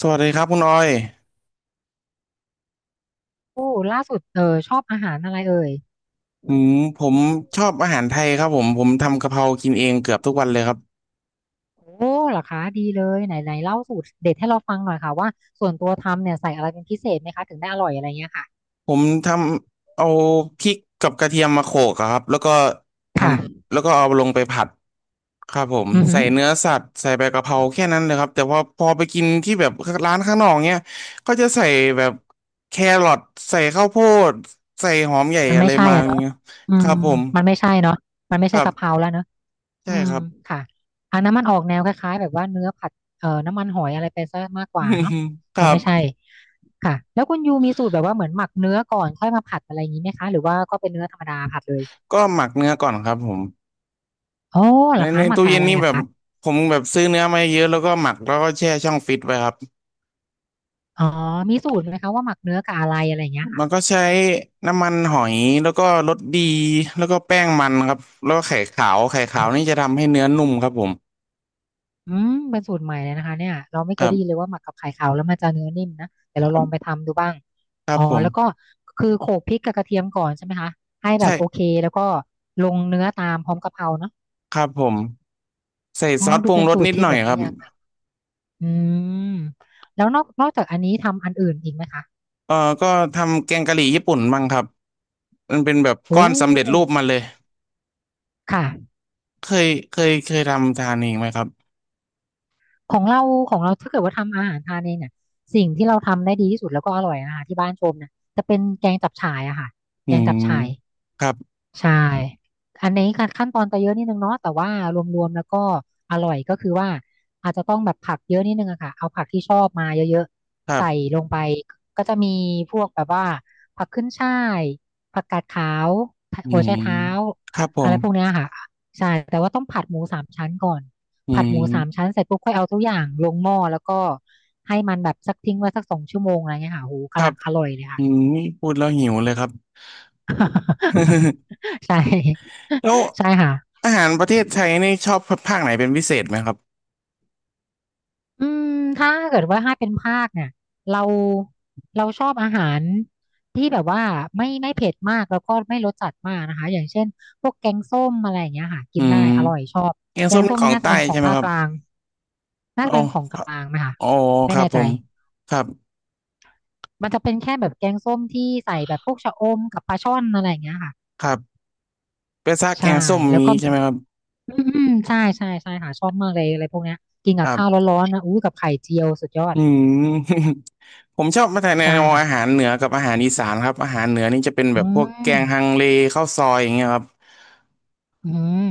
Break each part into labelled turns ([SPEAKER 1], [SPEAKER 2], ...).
[SPEAKER 1] สวัสดีครับคุณออย
[SPEAKER 2] โอ้ล่าสุดชอบอาหารอะไรเอ่ย
[SPEAKER 1] อืมผมชอบอาหารไทยครับผมทำกะเพรากินเองเกือบทุกวันเลยครับ
[SPEAKER 2] โอ้เหรอคะดีเลยไหนไหนเล่าสูตรเด็ดให้เราฟังหน่อยค่ะว่าส่วนตัวทำเนี่ยใส่อะไรเป็นพิเศษไหมคะถึงได้อร่อยอะไรเงี้ยค่ะ
[SPEAKER 1] ผมทำเอาพริกกับกระเทียมมาโขลกอะครับแล้วก็ท
[SPEAKER 2] ค่ะ
[SPEAKER 1] ำแล้วก็เอาลงไปผัดครับผม
[SPEAKER 2] อือหื
[SPEAKER 1] ใส่
[SPEAKER 2] อ
[SPEAKER 1] เนื้อสัตว์ใส่ใบกะเพราแค่นั้นเลยครับแต่พอไปกินที่แบบร้านข้างนอกเนี้ยก็จะใส่แบบแครอทใส่ข้าวโพดใส่หอมใหญ่
[SPEAKER 2] มัน
[SPEAKER 1] อะ
[SPEAKER 2] ไม่
[SPEAKER 1] ไร
[SPEAKER 2] ใช่
[SPEAKER 1] มา
[SPEAKER 2] อ่ะ
[SPEAKER 1] อย่าง
[SPEAKER 2] เนาะ
[SPEAKER 1] เงี้ย
[SPEAKER 2] อื
[SPEAKER 1] ค
[SPEAKER 2] ม
[SPEAKER 1] รับผม
[SPEAKER 2] มันไม่ใช่เนาะมันไม่
[SPEAKER 1] ค
[SPEAKER 2] ใช่
[SPEAKER 1] รั
[SPEAKER 2] กะเพรา
[SPEAKER 1] บ
[SPEAKER 2] แล้วเนาะ
[SPEAKER 1] ใช่
[SPEAKER 2] อืม
[SPEAKER 1] ครับ
[SPEAKER 2] ค่ะอันนั้นมันออกแนวคล้ายๆแบบว่าเนื้อผัดน้ำมันหอยอะไรไปซะมากกว่าเนาะ
[SPEAKER 1] ค
[SPEAKER 2] มัน
[SPEAKER 1] รั
[SPEAKER 2] ไม่
[SPEAKER 1] บ
[SPEAKER 2] ใช่ค่ะแล้วคุณยูมีสูตรแบบว่าเหมือนหมักเนื้อก่อนค่อยมาผัดอะไรอย่างนี้ไหมคะหรือว่าก็เป็นเนื้อธรรมดาผัดเลย
[SPEAKER 1] ก็หมักเนื้อก่อนครับผม
[SPEAKER 2] โอ้เหรอ
[SPEAKER 1] ใน
[SPEAKER 2] คะหมัก
[SPEAKER 1] ตู้
[SPEAKER 2] กับ
[SPEAKER 1] เย็
[SPEAKER 2] อะ
[SPEAKER 1] น
[SPEAKER 2] ไร
[SPEAKER 1] นี่แบ
[SPEAKER 2] อะ
[SPEAKER 1] บ
[SPEAKER 2] คะ
[SPEAKER 1] ผมแบบซื้อเนื้อมาเยอะแล้วก็หมักแล้วก็แช่ช่องฟิตไว้ครับ
[SPEAKER 2] อ๋อมีสูตรไหมคะว่าหมักเนื้อกับอะไรอะไรอย่างเงี้ยค่ะ
[SPEAKER 1] มันก็ใช้น้ำมันหอยแล้วก็รสดีแล้วก็แป้งมันครับแล้วก็ไข่ขาว
[SPEAKER 2] โอ
[SPEAKER 1] ขาว
[SPEAKER 2] ้
[SPEAKER 1] นี่จะทำให้เนื้อนุ่มครับผม
[SPEAKER 2] อืมเป็นสูตรใหม่เลยนะคะเนี่ยเราไม่
[SPEAKER 1] ค
[SPEAKER 2] เคย
[SPEAKER 1] รั
[SPEAKER 2] ได้ยินเล
[SPEAKER 1] บ
[SPEAKER 2] ยว่าหมักกับไข่ขาวแล้วมันจะเนื้อนิ่มนะเดี๋ยว
[SPEAKER 1] ค
[SPEAKER 2] เรา
[SPEAKER 1] รั
[SPEAKER 2] ลองไป
[SPEAKER 1] บ
[SPEAKER 2] ทำดูบ้าง
[SPEAKER 1] ครั
[SPEAKER 2] อ๋
[SPEAKER 1] บ
[SPEAKER 2] อ
[SPEAKER 1] ผม
[SPEAKER 2] แล้วก็คือโขลกพริกกับกระเทียมก่อนใช่ไหมคะให้แบ
[SPEAKER 1] ใช่
[SPEAKER 2] บโอเคแล้วก็ลงเนื้อตามพร้อมกะเพราเนาะ
[SPEAKER 1] ครับผมใส่
[SPEAKER 2] อ๋อ
[SPEAKER 1] ซอสป
[SPEAKER 2] ดู
[SPEAKER 1] รุง
[SPEAKER 2] เป็น
[SPEAKER 1] รส
[SPEAKER 2] สูต
[SPEAKER 1] นิ
[SPEAKER 2] ร
[SPEAKER 1] ด
[SPEAKER 2] ที่
[SPEAKER 1] หน่อ
[SPEAKER 2] แบ
[SPEAKER 1] ย
[SPEAKER 2] บ
[SPEAKER 1] ค
[SPEAKER 2] ไม่
[SPEAKER 1] รับ
[SPEAKER 2] ยากมากอืมแล้วนอกจากอันนี้ทำอันอื่นอีกไหมคะ
[SPEAKER 1] เออก็ทำแกงกะหรี่ญี่ปุ่นบ้างครับมันเป็นแบบก้
[SPEAKER 2] โอ้
[SPEAKER 1] อนสำเร็จรูปมาเลย
[SPEAKER 2] ค่ะ
[SPEAKER 1] เคยทำทานเองไหมครับ
[SPEAKER 2] ของเราของเราถ้าเกิดว่าทำอาหารทานเองเนี่ยสิ่งที่เราทำได้ดีที่สุดแล้วก็อร่อยอาหารที่บ้านชมนะจะเป็นแกงจับฉ่ายอะค่ะ
[SPEAKER 1] อื
[SPEAKER 2] แกง
[SPEAKER 1] ม
[SPEAKER 2] จับฉ่าย
[SPEAKER 1] ครับ
[SPEAKER 2] ใช่อันนี้การขั้นตอนจะเยอะนิดนึงเนาะแต่ว่ารวมๆแล้วก็อร่อยก็คือว่าอาจจะต้องแบบผักเยอะนิดนึงอะค่ะเอาผักที่ชอบมาเยอะ
[SPEAKER 1] ค
[SPEAKER 2] ๆ
[SPEAKER 1] รั
[SPEAKER 2] ใส่
[SPEAKER 1] บ
[SPEAKER 2] ลงไปก็จะมีพวกแบบว่าผักขึ้นฉ่ายผักกาดขาว
[SPEAKER 1] อื
[SPEAKER 2] หัวไช
[SPEAKER 1] ม
[SPEAKER 2] เท้า
[SPEAKER 1] ครับผ
[SPEAKER 2] อะ
[SPEAKER 1] ม
[SPEAKER 2] ไรพวกเนี้ยค่ะใช่แต่ว่าต้องผัดหมูสามชั้นก่อน
[SPEAKER 1] อื
[SPEAKER 2] ผัดหมูสาม
[SPEAKER 1] ม
[SPEAKER 2] ชั้นเสร็จปุ๊บค่อยเอาทุกอย่างลงหม้อแล้วก็ให้มันแบบสักทิ้งไว้สักสองชั่วโมงอะไรเงี้ยค่ะโห
[SPEAKER 1] ครั
[SPEAKER 2] กำลั
[SPEAKER 1] บ
[SPEAKER 2] งอร่อยเลย
[SPEAKER 1] อื
[SPEAKER 2] ค่ะ
[SPEAKER 1] มนี่พูดแล้วหิวเลยครับ
[SPEAKER 2] ใช่
[SPEAKER 1] แล้ว
[SPEAKER 2] ใช่ค่ะ
[SPEAKER 1] อาหารประเทศไทยนี่ชอบภาคไหนเป็นพิเศษไหมครับ
[SPEAKER 2] อืมถ้าเกิดว่าให้เป็นภาคเนี่ยเราเราชอบอาหารที่แบบว่าไม่เผ็ดมากแล้วก็ไม่รสจัดมากนะคะอย่างเช่นพวกแกงส้มอะไรอย่างเงี้ยค่ะกิ
[SPEAKER 1] อื
[SPEAKER 2] นได้
[SPEAKER 1] ม
[SPEAKER 2] อร่อยชอบ
[SPEAKER 1] แกง
[SPEAKER 2] แก
[SPEAKER 1] ส้ม
[SPEAKER 2] ง
[SPEAKER 1] นี่
[SPEAKER 2] ส้ม
[SPEAKER 1] ขอ
[SPEAKER 2] นี่
[SPEAKER 1] ง
[SPEAKER 2] น่าจะ
[SPEAKER 1] ใต้
[SPEAKER 2] เป็นขอ
[SPEAKER 1] ใช่
[SPEAKER 2] ง
[SPEAKER 1] ไหม
[SPEAKER 2] ภาค
[SPEAKER 1] ครั
[SPEAKER 2] ก
[SPEAKER 1] บ
[SPEAKER 2] ลางน่าจะ
[SPEAKER 1] อ๋
[SPEAKER 2] เป็นของกลา
[SPEAKER 1] อ
[SPEAKER 2] งไหมคะ
[SPEAKER 1] อ๋อ
[SPEAKER 2] ไม่
[SPEAKER 1] ครับ
[SPEAKER 2] แน่
[SPEAKER 1] ผ
[SPEAKER 2] ใจ
[SPEAKER 1] มครับ
[SPEAKER 2] มันจะเป็นแค่แบบแกงส้มที่ใส่แบบพวกชะอมกับปลาช่อนอะไรอย่างเงี้ยค่ะ
[SPEAKER 1] ครับเป็นซากแก
[SPEAKER 2] ใช่
[SPEAKER 1] งส้ม
[SPEAKER 2] แล้ว
[SPEAKER 1] นี้
[SPEAKER 2] ก็
[SPEAKER 1] ใช่ไหมครับ
[SPEAKER 2] อืมอืมใช่ใช่ใช่ค่ะชอบมากเลยอะไรพวกเนี้ยกิน
[SPEAKER 1] ค
[SPEAKER 2] กับ
[SPEAKER 1] รั
[SPEAKER 2] ข้าว
[SPEAKER 1] บ
[SPEAKER 2] ร้อนๆนะอู้กับไข่เจียวสุดยอด
[SPEAKER 1] อืม ผมชอบมาแต่ใน
[SPEAKER 2] ใช่
[SPEAKER 1] ว
[SPEAKER 2] ค่ะ
[SPEAKER 1] อาหารเหนือกับอาหารอีสานครับอาหารเหนือนี่จะเป็นแบ
[SPEAKER 2] อื
[SPEAKER 1] บพวกแก
[SPEAKER 2] ม
[SPEAKER 1] งฮังเลข้าวซอยอย่างเงี้ยครับ
[SPEAKER 2] อืม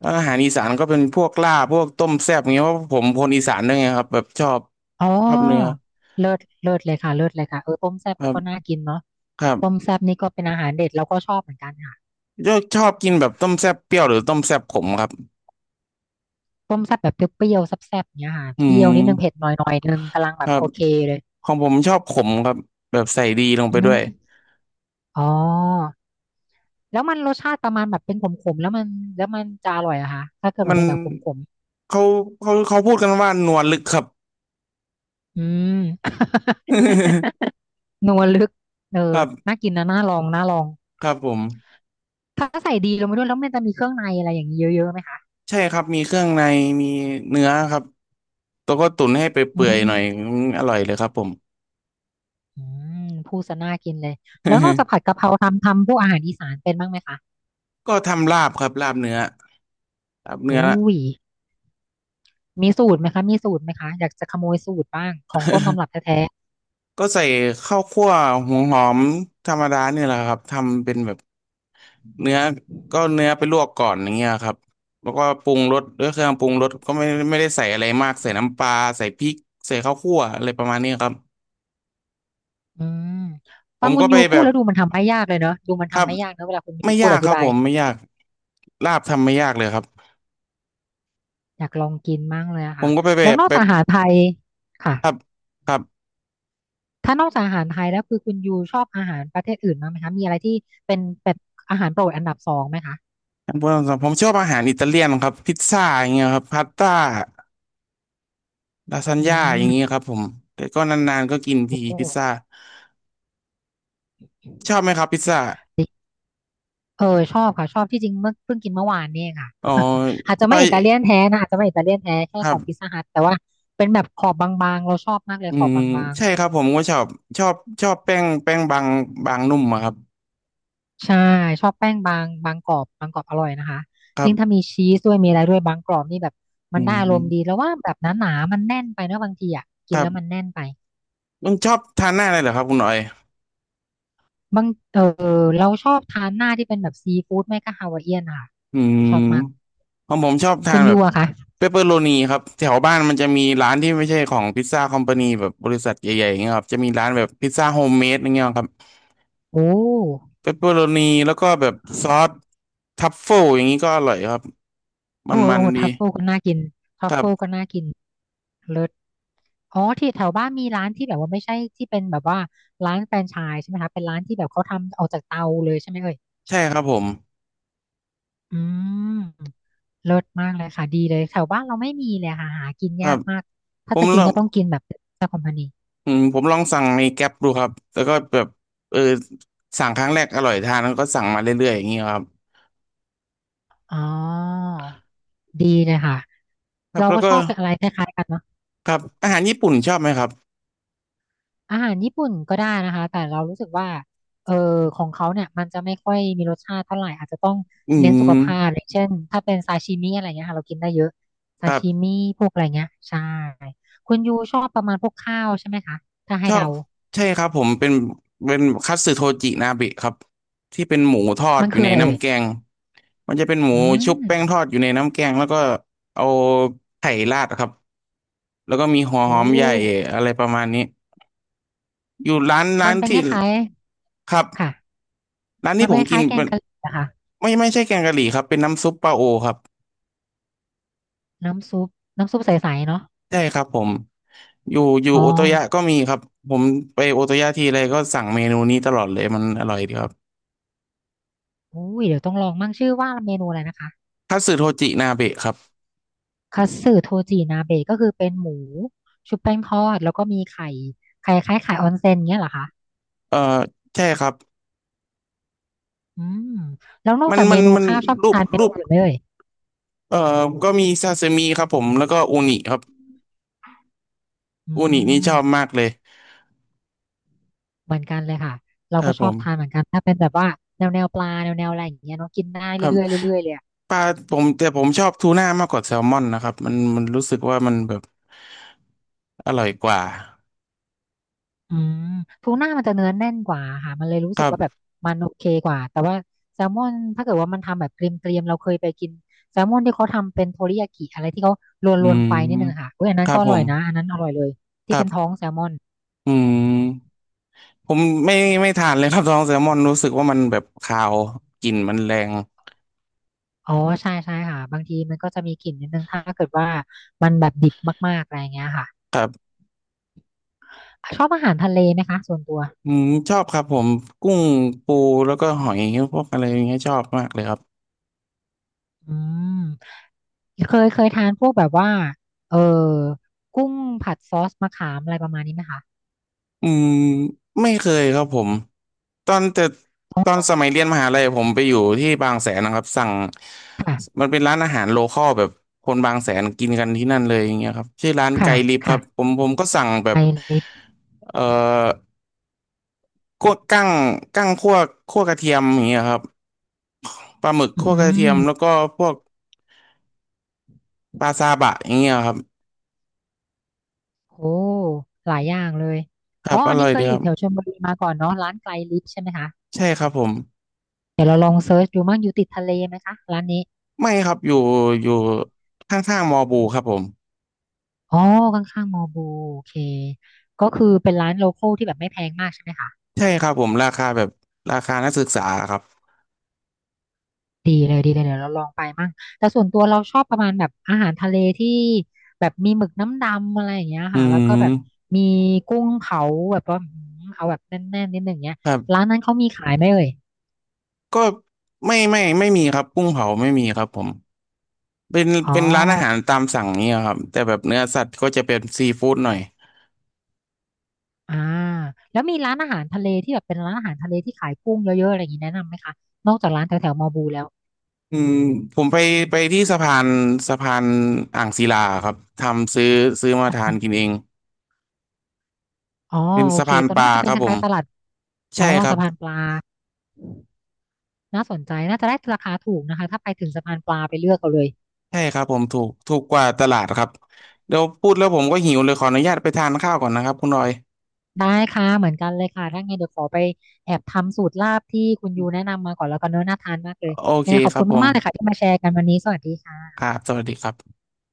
[SPEAKER 1] แล้วอาหารอีสานก็เป็นพวกลาบพวกต้มแซ่บอย่างเงี้ยเพราะผมคนอีสานด้วยไงครับแบบชอบ
[SPEAKER 2] อ๋
[SPEAKER 1] ชอบเนื้อ
[SPEAKER 2] อเลิศเลิศเลยค่ะเลิศเลยค่ะเออต้มแซ่บ
[SPEAKER 1] ครั
[SPEAKER 2] ก็น่า
[SPEAKER 1] บ
[SPEAKER 2] กินเนาะ
[SPEAKER 1] ครั
[SPEAKER 2] ต้ม
[SPEAKER 1] บ
[SPEAKER 2] แซ่บนี่ก็เป็นอาหารเด็ดเราก็ชอบเหมือนกันค่ะ
[SPEAKER 1] ยกชอบกินแบบต้มแซ่บเปรี้ยวหรือต้มแซ่บขมครับ
[SPEAKER 2] ต้มแซ่บแบบเปรี้ยวๆแซ่บๆอย่างเนี้ยค่ะ
[SPEAKER 1] อื
[SPEAKER 2] เปรี้ยวนิดนึงเผ็ดห
[SPEAKER 1] ม
[SPEAKER 2] น่อยหน่อยนึงกำลังแบ
[SPEAKER 1] ค
[SPEAKER 2] บ
[SPEAKER 1] รับ
[SPEAKER 2] โอเคเลย
[SPEAKER 1] ของผมชอบขมครับแบบใส่ดีลง
[SPEAKER 2] อื
[SPEAKER 1] ไปด้วย
[SPEAKER 2] มอ๋อแล้วมันรสชาติประมาณแบบเป็นขมๆแล้วมันแล้วมันจะอร่อยเหรอะคะถ้าเกิดมั
[SPEAKER 1] มั
[SPEAKER 2] น
[SPEAKER 1] น
[SPEAKER 2] เป็นแบบขม
[SPEAKER 1] เขาเขาพูดกันว่านวลลึกครับ
[SPEAKER 2] ๆอืม นัวลึกเอ
[SPEAKER 1] ค
[SPEAKER 2] อ
[SPEAKER 1] รับ
[SPEAKER 2] น่ากินนะน่าลองน่าลอง
[SPEAKER 1] ครับผม
[SPEAKER 2] ถ้าใส่ดีลงไปด้วยแล้วมันจะมีเครื่องในอะไรอย่างนี้เยอะๆไหมคะ
[SPEAKER 1] ใช่ครับมีเครื่องในมีเนื้อครับแล้วก็ตุ๋นให้ไป
[SPEAKER 2] อื
[SPEAKER 1] เปื่อยๆหน่อย
[SPEAKER 2] ม
[SPEAKER 1] ออร่อยเลยครับผม
[SPEAKER 2] อืมพูดซะน่ากินเลยแล้วนอกจา กผัดกะเพราทำพวกอาหารอีสานเป็นบ้างไหมคะ
[SPEAKER 1] ก็ทำลาบครับลาบเนื้อลาบเนื้อ
[SPEAKER 2] อุ้ยมีสูตรไหมคะมีสูตรไหมคะอยากจะขโมยสูตรบ้างของต้นตำรับแท้
[SPEAKER 1] ก็ใส่ข้าวคั่วหัวหอมธรรมดาเนี่ยแหละครับทำเป็นแบบ เนื้อก็เนื้อไปลวกก่อนอย่างเงี้ยครับแล้วก็ปรุงรสด้วยเครื่องปรุงรสก็ไม่ได้ใส่อะไรมากใส่น้ำปลาใส่พริกใส่ข้าวคั่วอะไรประมาณนี้ครับ
[SPEAKER 2] ๆอืม
[SPEAKER 1] ผ
[SPEAKER 2] ฟัง
[SPEAKER 1] ม
[SPEAKER 2] คุ
[SPEAKER 1] ก็
[SPEAKER 2] ณ
[SPEAKER 1] ไป
[SPEAKER 2] ยู
[SPEAKER 1] แบ
[SPEAKER 2] พูด
[SPEAKER 1] บ
[SPEAKER 2] แล้วดูมันทำไม่ยากเลยเนอะดูมัน
[SPEAKER 1] ครั
[SPEAKER 2] ทำ
[SPEAKER 1] บ
[SPEAKER 2] ไม่ยากเนอะเวลาคุณยู
[SPEAKER 1] ไม่
[SPEAKER 2] พูด
[SPEAKER 1] ยา
[SPEAKER 2] อ
[SPEAKER 1] กค
[SPEAKER 2] ธิ
[SPEAKER 1] รับ
[SPEAKER 2] บา
[SPEAKER 1] ผ
[SPEAKER 2] ย
[SPEAKER 1] มไม่ยากลาบทำไม่ยากเลยครับ
[SPEAKER 2] อยากลองกินมากเลยอะ
[SPEAKER 1] ผ
[SPEAKER 2] ค่ะ
[SPEAKER 1] มก็ไปแบ
[SPEAKER 2] แล้ว
[SPEAKER 1] บ
[SPEAKER 2] นอก
[SPEAKER 1] ไป
[SPEAKER 2] จากอาหารไทยค่ะ
[SPEAKER 1] ครับครับ
[SPEAKER 2] ถ้านอกจากอาหารไทยแล้วคือคุณยูชอบอาหารประเทศอื่นบ้างไหมคะมีอะไรที่เป็นแบบอาหารโปรดอันดับสองไหมคะ
[SPEAKER 1] ผมชอบอาหารอิตาเลียนครับพิซซ่าอย่างเงี้ยครับพาสต้าลาซาน
[SPEAKER 2] อื
[SPEAKER 1] ญ่าอย่างเงี้ย
[SPEAKER 2] ม
[SPEAKER 1] ครับผมแต่ก็นานๆก็กินทีพิซซ่า
[SPEAKER 2] โอ้
[SPEAKER 1] ชอบไหมครับพิซซ่า
[SPEAKER 2] เออชอบค่ะชอบที่จริงเมื่อเพิ่งกินเมื่อวานเนี่ยค่ะ
[SPEAKER 1] อ๋อ
[SPEAKER 2] อาจ
[SPEAKER 1] พ
[SPEAKER 2] จะ
[SPEAKER 1] ล
[SPEAKER 2] ไม่
[SPEAKER 1] อ
[SPEAKER 2] อิ
[SPEAKER 1] ย
[SPEAKER 2] ตาเลียนแท้นะอาจจะไม่อิตาเลียนแท้แค่
[SPEAKER 1] ค
[SPEAKER 2] ข
[SPEAKER 1] รั
[SPEAKER 2] อ
[SPEAKER 1] บ
[SPEAKER 2] งพิซซ่าฮัทแต่ว่าเป็นแบบขอบบางๆเราชอบมากเลย
[SPEAKER 1] อื
[SPEAKER 2] ขอบ
[SPEAKER 1] ม
[SPEAKER 2] บาง
[SPEAKER 1] ใช่ครับผมก็ชอบชอบชอบแป้งบางนุ่มอะครับ
[SPEAKER 2] ๆใช่ชอบแป้งบางบางกรอบบางกรอบอร่อยนะคะ
[SPEAKER 1] ครั
[SPEAKER 2] ยิ่งถ้า
[SPEAKER 1] บ
[SPEAKER 2] มีชีสด้วยมีอะไรด้วยบางกรอบนี่แบบมันได้อาร
[SPEAKER 1] อืม
[SPEAKER 2] มณ์ดีแล้วว่าแบบหนาๆมันแน่นไปเนอะบางทีอ่ะกิ
[SPEAKER 1] ค
[SPEAKER 2] น
[SPEAKER 1] รั
[SPEAKER 2] แล้วมัน
[SPEAKER 1] บ
[SPEAKER 2] แน่นไป
[SPEAKER 1] ต้องชอบทานหน้าเลยเหรอครับคุณหน่อย
[SPEAKER 2] บางเออเราชอบทานหน้าที่เป็นแบบซีฟู้ดไม่ก็ฮาวายเอียนค่ะ
[SPEAKER 1] อื
[SPEAKER 2] ชอบมาก
[SPEAKER 1] มของผมชอบทา
[SPEAKER 2] คุ
[SPEAKER 1] น
[SPEAKER 2] ณ
[SPEAKER 1] แบ
[SPEAKER 2] ยู
[SPEAKER 1] บ
[SPEAKER 2] อะค่ะ
[SPEAKER 1] เปปเปอโรนีครับแถวบ้านมันจะมีร้านที่ไม่ใช่ของพิซซ่าคอมพานีแบบบริษัทใหญ่ๆอย่างเงี้ยครับจะมีร้านแบบพิซซ่าโฮมเมดอย่างเงี้ยครับ
[SPEAKER 2] โอ้
[SPEAKER 1] เปปเปอโรนีแล้วก็แบบซอสทัฟเฟิลอย่างนี้ก็อร่อยครับมั
[SPEAKER 2] โอ้
[SPEAKER 1] นๆดี
[SPEAKER 2] ทัฟเฟิลก็น่ากินทั
[SPEAKER 1] ค
[SPEAKER 2] ฟ
[SPEAKER 1] รั
[SPEAKER 2] เฟิลก็
[SPEAKER 1] บ
[SPEAKER 2] น่ากินเลิศ อ๋อที่แถวบ้านมีร้านที่แบบว่าไม่ใช่ที่เป็นแบบว่าร้านแฟรนไชส์ใช่ไหมคะเป็นร้านที่แบบเขาทำออกจากเตาเลยใช่ไหมเอ่ย
[SPEAKER 1] ใช่ครับผม
[SPEAKER 2] อืมเลิศมากเลยค่ะดีเลยแถวบ้านเราไม่มีเลยค่ะหากิน
[SPEAKER 1] ครั
[SPEAKER 2] ยา
[SPEAKER 1] บ
[SPEAKER 2] กมาก
[SPEAKER 1] ผ
[SPEAKER 2] ถ้า
[SPEAKER 1] ม
[SPEAKER 2] จะกิ
[SPEAKER 1] ล
[SPEAKER 2] น
[SPEAKER 1] อง
[SPEAKER 2] ก็ต้องกินแบบเจ้าคอมพานี
[SPEAKER 1] ผมลองสั่งในแก๊ปดูครับแล้วก็แบบเออสั่งครั้งแรกอร่อยทานแล้วก็สั่งมาเรื่อยๆอย่างนี้ครับ
[SPEAKER 2] อ๋อดีเลยค่ะ
[SPEAKER 1] ครับ
[SPEAKER 2] เรา
[SPEAKER 1] แล้ว
[SPEAKER 2] ก็
[SPEAKER 1] ก็
[SPEAKER 2] ชอบอะไรคล้ายๆกันเนาะ
[SPEAKER 1] ครับอาหารญี่ปุ่นชอบไหมครับ
[SPEAKER 2] อาหารญี่ปุ่นก็ได้นะคะแต่เรารู้สึกว่าเออของเขาเนี่ยมันจะไม่ค่อยมีรสชาติเท่าไหร่อาจจะต้อง
[SPEAKER 1] อื
[SPEAKER 2] เน้นสุข
[SPEAKER 1] ม
[SPEAKER 2] ภาพอย่างเช่นถ้าเป็นซาชิมิอะไรเงี้ยค่ะเรากินได้เยอะ
[SPEAKER 1] ค
[SPEAKER 2] ซา
[SPEAKER 1] รั
[SPEAKER 2] ชิ
[SPEAKER 1] บ
[SPEAKER 2] มิพวกอะไรเงี้ยใช่คุณยูชอบประมาณพวกข้าวใช่ไหมคะถ้า
[SPEAKER 1] ช
[SPEAKER 2] ให้
[SPEAKER 1] อ
[SPEAKER 2] เดา
[SPEAKER 1] บใช่ครับผมเป็นคัตสึโทจินาเบะครับที่เป็นหมูทอด
[SPEAKER 2] มัน
[SPEAKER 1] อยู่
[SPEAKER 2] คือ
[SPEAKER 1] ใน
[SPEAKER 2] อะไรเอ่ย
[SPEAKER 1] น้ำแกงมันจะเป็นหมู
[SPEAKER 2] อื
[SPEAKER 1] ชุบ
[SPEAKER 2] ม
[SPEAKER 1] แป้งทอดอยู่ในน้ำแกงแล้วก็เอาไข่ราดครับแล้วก็มีหัว
[SPEAKER 2] โอ้
[SPEAKER 1] หอมใหญ่อะไรประมาณนี้อยู่ร้า
[SPEAKER 2] มัน
[SPEAKER 1] น
[SPEAKER 2] เป็นค
[SPEAKER 1] ที่
[SPEAKER 2] ล้าย
[SPEAKER 1] ครับ
[SPEAKER 2] ๆค่ะ
[SPEAKER 1] ร้าน
[SPEAKER 2] มั
[SPEAKER 1] ที่
[SPEAKER 2] น
[SPEAKER 1] ผ
[SPEAKER 2] เป็น
[SPEAKER 1] ม
[SPEAKER 2] ค
[SPEAKER 1] กิน
[SPEAKER 2] ล้ายๆแก
[SPEAKER 1] เป็
[SPEAKER 2] ง
[SPEAKER 1] น
[SPEAKER 2] กะหรี่อะค่ะ
[SPEAKER 1] ไม่ใช่แกงกะหรี่ครับเป็นน้ำซุปปลาโอครับ
[SPEAKER 2] น้ำซุปน้ำซุปใสๆเนาะ
[SPEAKER 1] ใช่ครับผมอยู่
[SPEAKER 2] อ๋อ
[SPEAKER 1] โอโตยะก็มีครับผมไปโอโตยะทีไรก็สั่งเมนูนี้ตลอดเลยมันอร่อยดีครับ
[SPEAKER 2] อุ้ยเดี๋ยวต้องลองมั่งชื่อว่าเมนูอะไรนะคะ
[SPEAKER 1] คัตสึโทจินาเบะครับ
[SPEAKER 2] คัตสึโทจินาเบะก็คือเป็นหมูชุบแป้งทอดแล้วก็มีไข่ไข่คล้ายไข่ออนเซ็นเงี้ยเหรอคะ
[SPEAKER 1] เอ่อใช่ครับ
[SPEAKER 2] อืมแล้วนอกจากเมนู
[SPEAKER 1] มัน
[SPEAKER 2] ข้าวชอบทานเม
[SPEAKER 1] รู
[SPEAKER 2] นู
[SPEAKER 1] ป
[SPEAKER 2] อื่นไหมเอ่ย
[SPEAKER 1] เอ่อก็มีซาซิมิครับผมแล้วก็อูนิครับ
[SPEAKER 2] อื
[SPEAKER 1] อูนินี่ช
[SPEAKER 2] ม
[SPEAKER 1] อบมากเลย
[SPEAKER 2] เหมือนกันเลยค่ะเรา
[SPEAKER 1] ครั
[SPEAKER 2] ก็
[SPEAKER 1] บ
[SPEAKER 2] ช
[SPEAKER 1] ผ
[SPEAKER 2] อบ
[SPEAKER 1] ม
[SPEAKER 2] ทานเหมือนกันถ้าเป็นแบบว่าแนวปลาแนวอะไรอย่างเงี้ยเนาะกินได้
[SPEAKER 1] ครับ
[SPEAKER 2] เรื่อยๆเรื่อยๆเลยอะ
[SPEAKER 1] ปลาผมแต่ผมชอบทูน่ามากกว่าแซลมอนนะครับมันรู้สึกว่ามันแบบอร่อยกว่า
[SPEAKER 2] อืมทูน่ามันจะเนื้อแน่นกว่าค่ะมันเลยรู้
[SPEAKER 1] ค
[SPEAKER 2] สึก
[SPEAKER 1] รั
[SPEAKER 2] ว่าแบบ
[SPEAKER 1] บ
[SPEAKER 2] มันโอเคกว่าแต่ว่าแซลมอนถ้าเกิดว่ามันทำแบบเกรียมๆเราเคยไปกินแซลมอนที่เขาทำเป็นโทริยากิอะไรที่เขาล
[SPEAKER 1] อื
[SPEAKER 2] วนๆไฟนิดนึงอะ
[SPEAKER 1] ม
[SPEAKER 2] ค่ะอุ้ยอันนั้
[SPEAKER 1] ค
[SPEAKER 2] น
[SPEAKER 1] รั
[SPEAKER 2] ก็
[SPEAKER 1] บ
[SPEAKER 2] อ
[SPEAKER 1] ผ
[SPEAKER 2] ร่อ
[SPEAKER 1] ม
[SPEAKER 2] ยนะอันนั้นอร่อยเลย
[SPEAKER 1] ค
[SPEAKER 2] ที่
[SPEAKER 1] รั
[SPEAKER 2] เป็นท้อ
[SPEAKER 1] บ
[SPEAKER 2] งแซลมอน
[SPEAKER 1] อืมผมไม่ไม่ทานเลยครับ ท้องแซลมอนรู้สึกว่ามันแบบคาวกลิ่นมันแรง
[SPEAKER 2] อ๋อใช่ใช่ค่ะบางทีมันก็จะมีกลิ่นนิดนึงถ้าเกิดว่ามันแบบดิบมากๆอะไรอย่างเงี้ยค่ะ
[SPEAKER 1] ครับ
[SPEAKER 2] ชอบอาหารทะเลไหมคะส่วนตัว
[SPEAKER 1] อืมชอบครับผมกุ้งปูแล้วก็หอยพวกอะไรอย่างเงี้ยชอบมากเลยครับ
[SPEAKER 2] อืมเคยทานพวกแบบว่าเออกุ้งผัดซอสมะขามอะไรประมาณนี้ไหมคะ
[SPEAKER 1] อืมไม่เคยครับผมตอนแต่ตอนสมัยเรียนมหาลัยผมไปอยู่ที่บางแสนนะครับสั่ง
[SPEAKER 2] ค่ะ
[SPEAKER 1] มันเป็นร้านอาหารโลคอลแบบคนบางแสนกินกันที่นั่นเลยอย่างเงี้ยครับชื่อร้านไกล
[SPEAKER 2] ค่ะ
[SPEAKER 1] ลิฟครั
[SPEAKER 2] ค่ะ
[SPEAKER 1] บผมผมก็สั่งแบ
[SPEAKER 2] ไท
[SPEAKER 1] บ
[SPEAKER 2] ยลิสต์
[SPEAKER 1] เอ่อ คั่วกั้งกั้งคั่วคั่วกระเทียมอย่างเงี้ยครับปลาหมึกคั่วก
[SPEAKER 2] อื
[SPEAKER 1] ระเทีย
[SPEAKER 2] ม
[SPEAKER 1] มแล้วก็พวกปลาซาบะอย่างเงี้ยครับ
[SPEAKER 2] โอ้หลายอย่างเลย
[SPEAKER 1] ครั
[SPEAKER 2] อ๋อ
[SPEAKER 1] บอ
[SPEAKER 2] อัน
[SPEAKER 1] ร่
[SPEAKER 2] นี้
[SPEAKER 1] อย
[SPEAKER 2] เค
[SPEAKER 1] ดี
[SPEAKER 2] ยอ
[SPEAKER 1] ค
[SPEAKER 2] ยู่
[SPEAKER 1] รับ
[SPEAKER 2] แถวชลบุรีมาก่อนเนาะร้านไกลลิสต์ใช่ไหมคะ
[SPEAKER 1] ใช่ครับผม
[SPEAKER 2] เดี๋ยวเราลองเซิร์ชดูมั่งอยู่ติดทะเลไหมคะร้านนี้
[SPEAKER 1] ไม่ครับอยู่อยู่ข้างๆมอบูครับผม
[SPEAKER 2] อ๋อข้างๆมอบูโอเคก็คือเป็นร้านโลคอลที่แบบไม่แพงมากใช่ไหมคะ
[SPEAKER 1] ใช่ครับผมราคาแบบราคานักศึกษาครับ
[SPEAKER 2] ดีเลยดีเลยเดี๋ยวเราลองไปมั่งแต่ส่วนตัวเราชอบประมาณแบบอาหารทะเลที่แบบมีหมึกน้ำดำอะไรอย่างเงี้ย
[SPEAKER 1] อื
[SPEAKER 2] ค่ะแล้วก็แบบ
[SPEAKER 1] ม
[SPEAKER 2] มีกุ้งเผาแบบว่าอืมเอาแบบแน่นๆนิดหนึ่งเงี้ย
[SPEAKER 1] ครั
[SPEAKER 2] ร้าน
[SPEAKER 1] บ
[SPEAKER 2] นั้นเขามีขายไหมเอ่ย
[SPEAKER 1] ก็ไม่มีครับกุ้งเผาไม่มีครับผมเป็น
[SPEAKER 2] อ๋อ
[SPEAKER 1] ร้านอาหารตามสั่งเนี่ยครับแต่แบบเนื้อสัตว์ก็จะเป็นซีฟู้ดหน่อย
[SPEAKER 2] อ่าแล้วมีร้านอาหารทะเลที่แบบเป็นร้านอาหารทะเลที่ขายกุ้งเยอะๆอะไรอย่างนี้แนะนำไหมคะ
[SPEAKER 1] อืมผมไปที่สะพานสะพานอ่างศิลาครับทำซื้อมา
[SPEAKER 2] สะ
[SPEAKER 1] ทา
[SPEAKER 2] พา
[SPEAKER 1] น
[SPEAKER 2] น
[SPEAKER 1] กินเอง
[SPEAKER 2] อ๋อ
[SPEAKER 1] เป็น
[SPEAKER 2] โอ
[SPEAKER 1] สะ
[SPEAKER 2] เค
[SPEAKER 1] พาน
[SPEAKER 2] ตรง
[SPEAKER 1] ป
[SPEAKER 2] นั้น
[SPEAKER 1] ลา
[SPEAKER 2] มันจะเป็
[SPEAKER 1] ค
[SPEAKER 2] น
[SPEAKER 1] รับ
[SPEAKER 2] ค
[SPEAKER 1] ผม
[SPEAKER 2] ล้ายๆตลาดอ๋
[SPEAKER 1] ใช่
[SPEAKER 2] อ
[SPEAKER 1] ครับ
[SPEAKER 2] สะพานปลาน่าสนใจน่าจะได้ราคาถูกนะคะถ้าไปถึงสะพานปลาไปเลือกเอาเลย
[SPEAKER 1] ใช่ครับผมถูกกว่าตลาดครับเดี๋ยวพูดแล้วผมก็หิวเลยขออนุญาตไปทานข้าวก่อนนะครับคุณรอย
[SPEAKER 2] ได้ค่ะเหมือนกันเลยค่ะถ้าไงเดี๋ยวขอไปแอบทำสูตรลาบที่คุณยูแนะนำมาก่อนแล้วกันเนอะน่าทานมากเลย
[SPEAKER 1] โอเค
[SPEAKER 2] เนี่ยงไงขอ
[SPEAKER 1] ค
[SPEAKER 2] บ
[SPEAKER 1] รั
[SPEAKER 2] คุ
[SPEAKER 1] บ
[SPEAKER 2] ณ
[SPEAKER 1] ผ
[SPEAKER 2] มากๆเลยค่ะ
[SPEAKER 1] ม
[SPEAKER 2] ที่มาแชร์กันวันนี้สวัสดี
[SPEAKER 1] ครั
[SPEAKER 2] ค่ะ
[SPEAKER 1] บสวัสดีครับ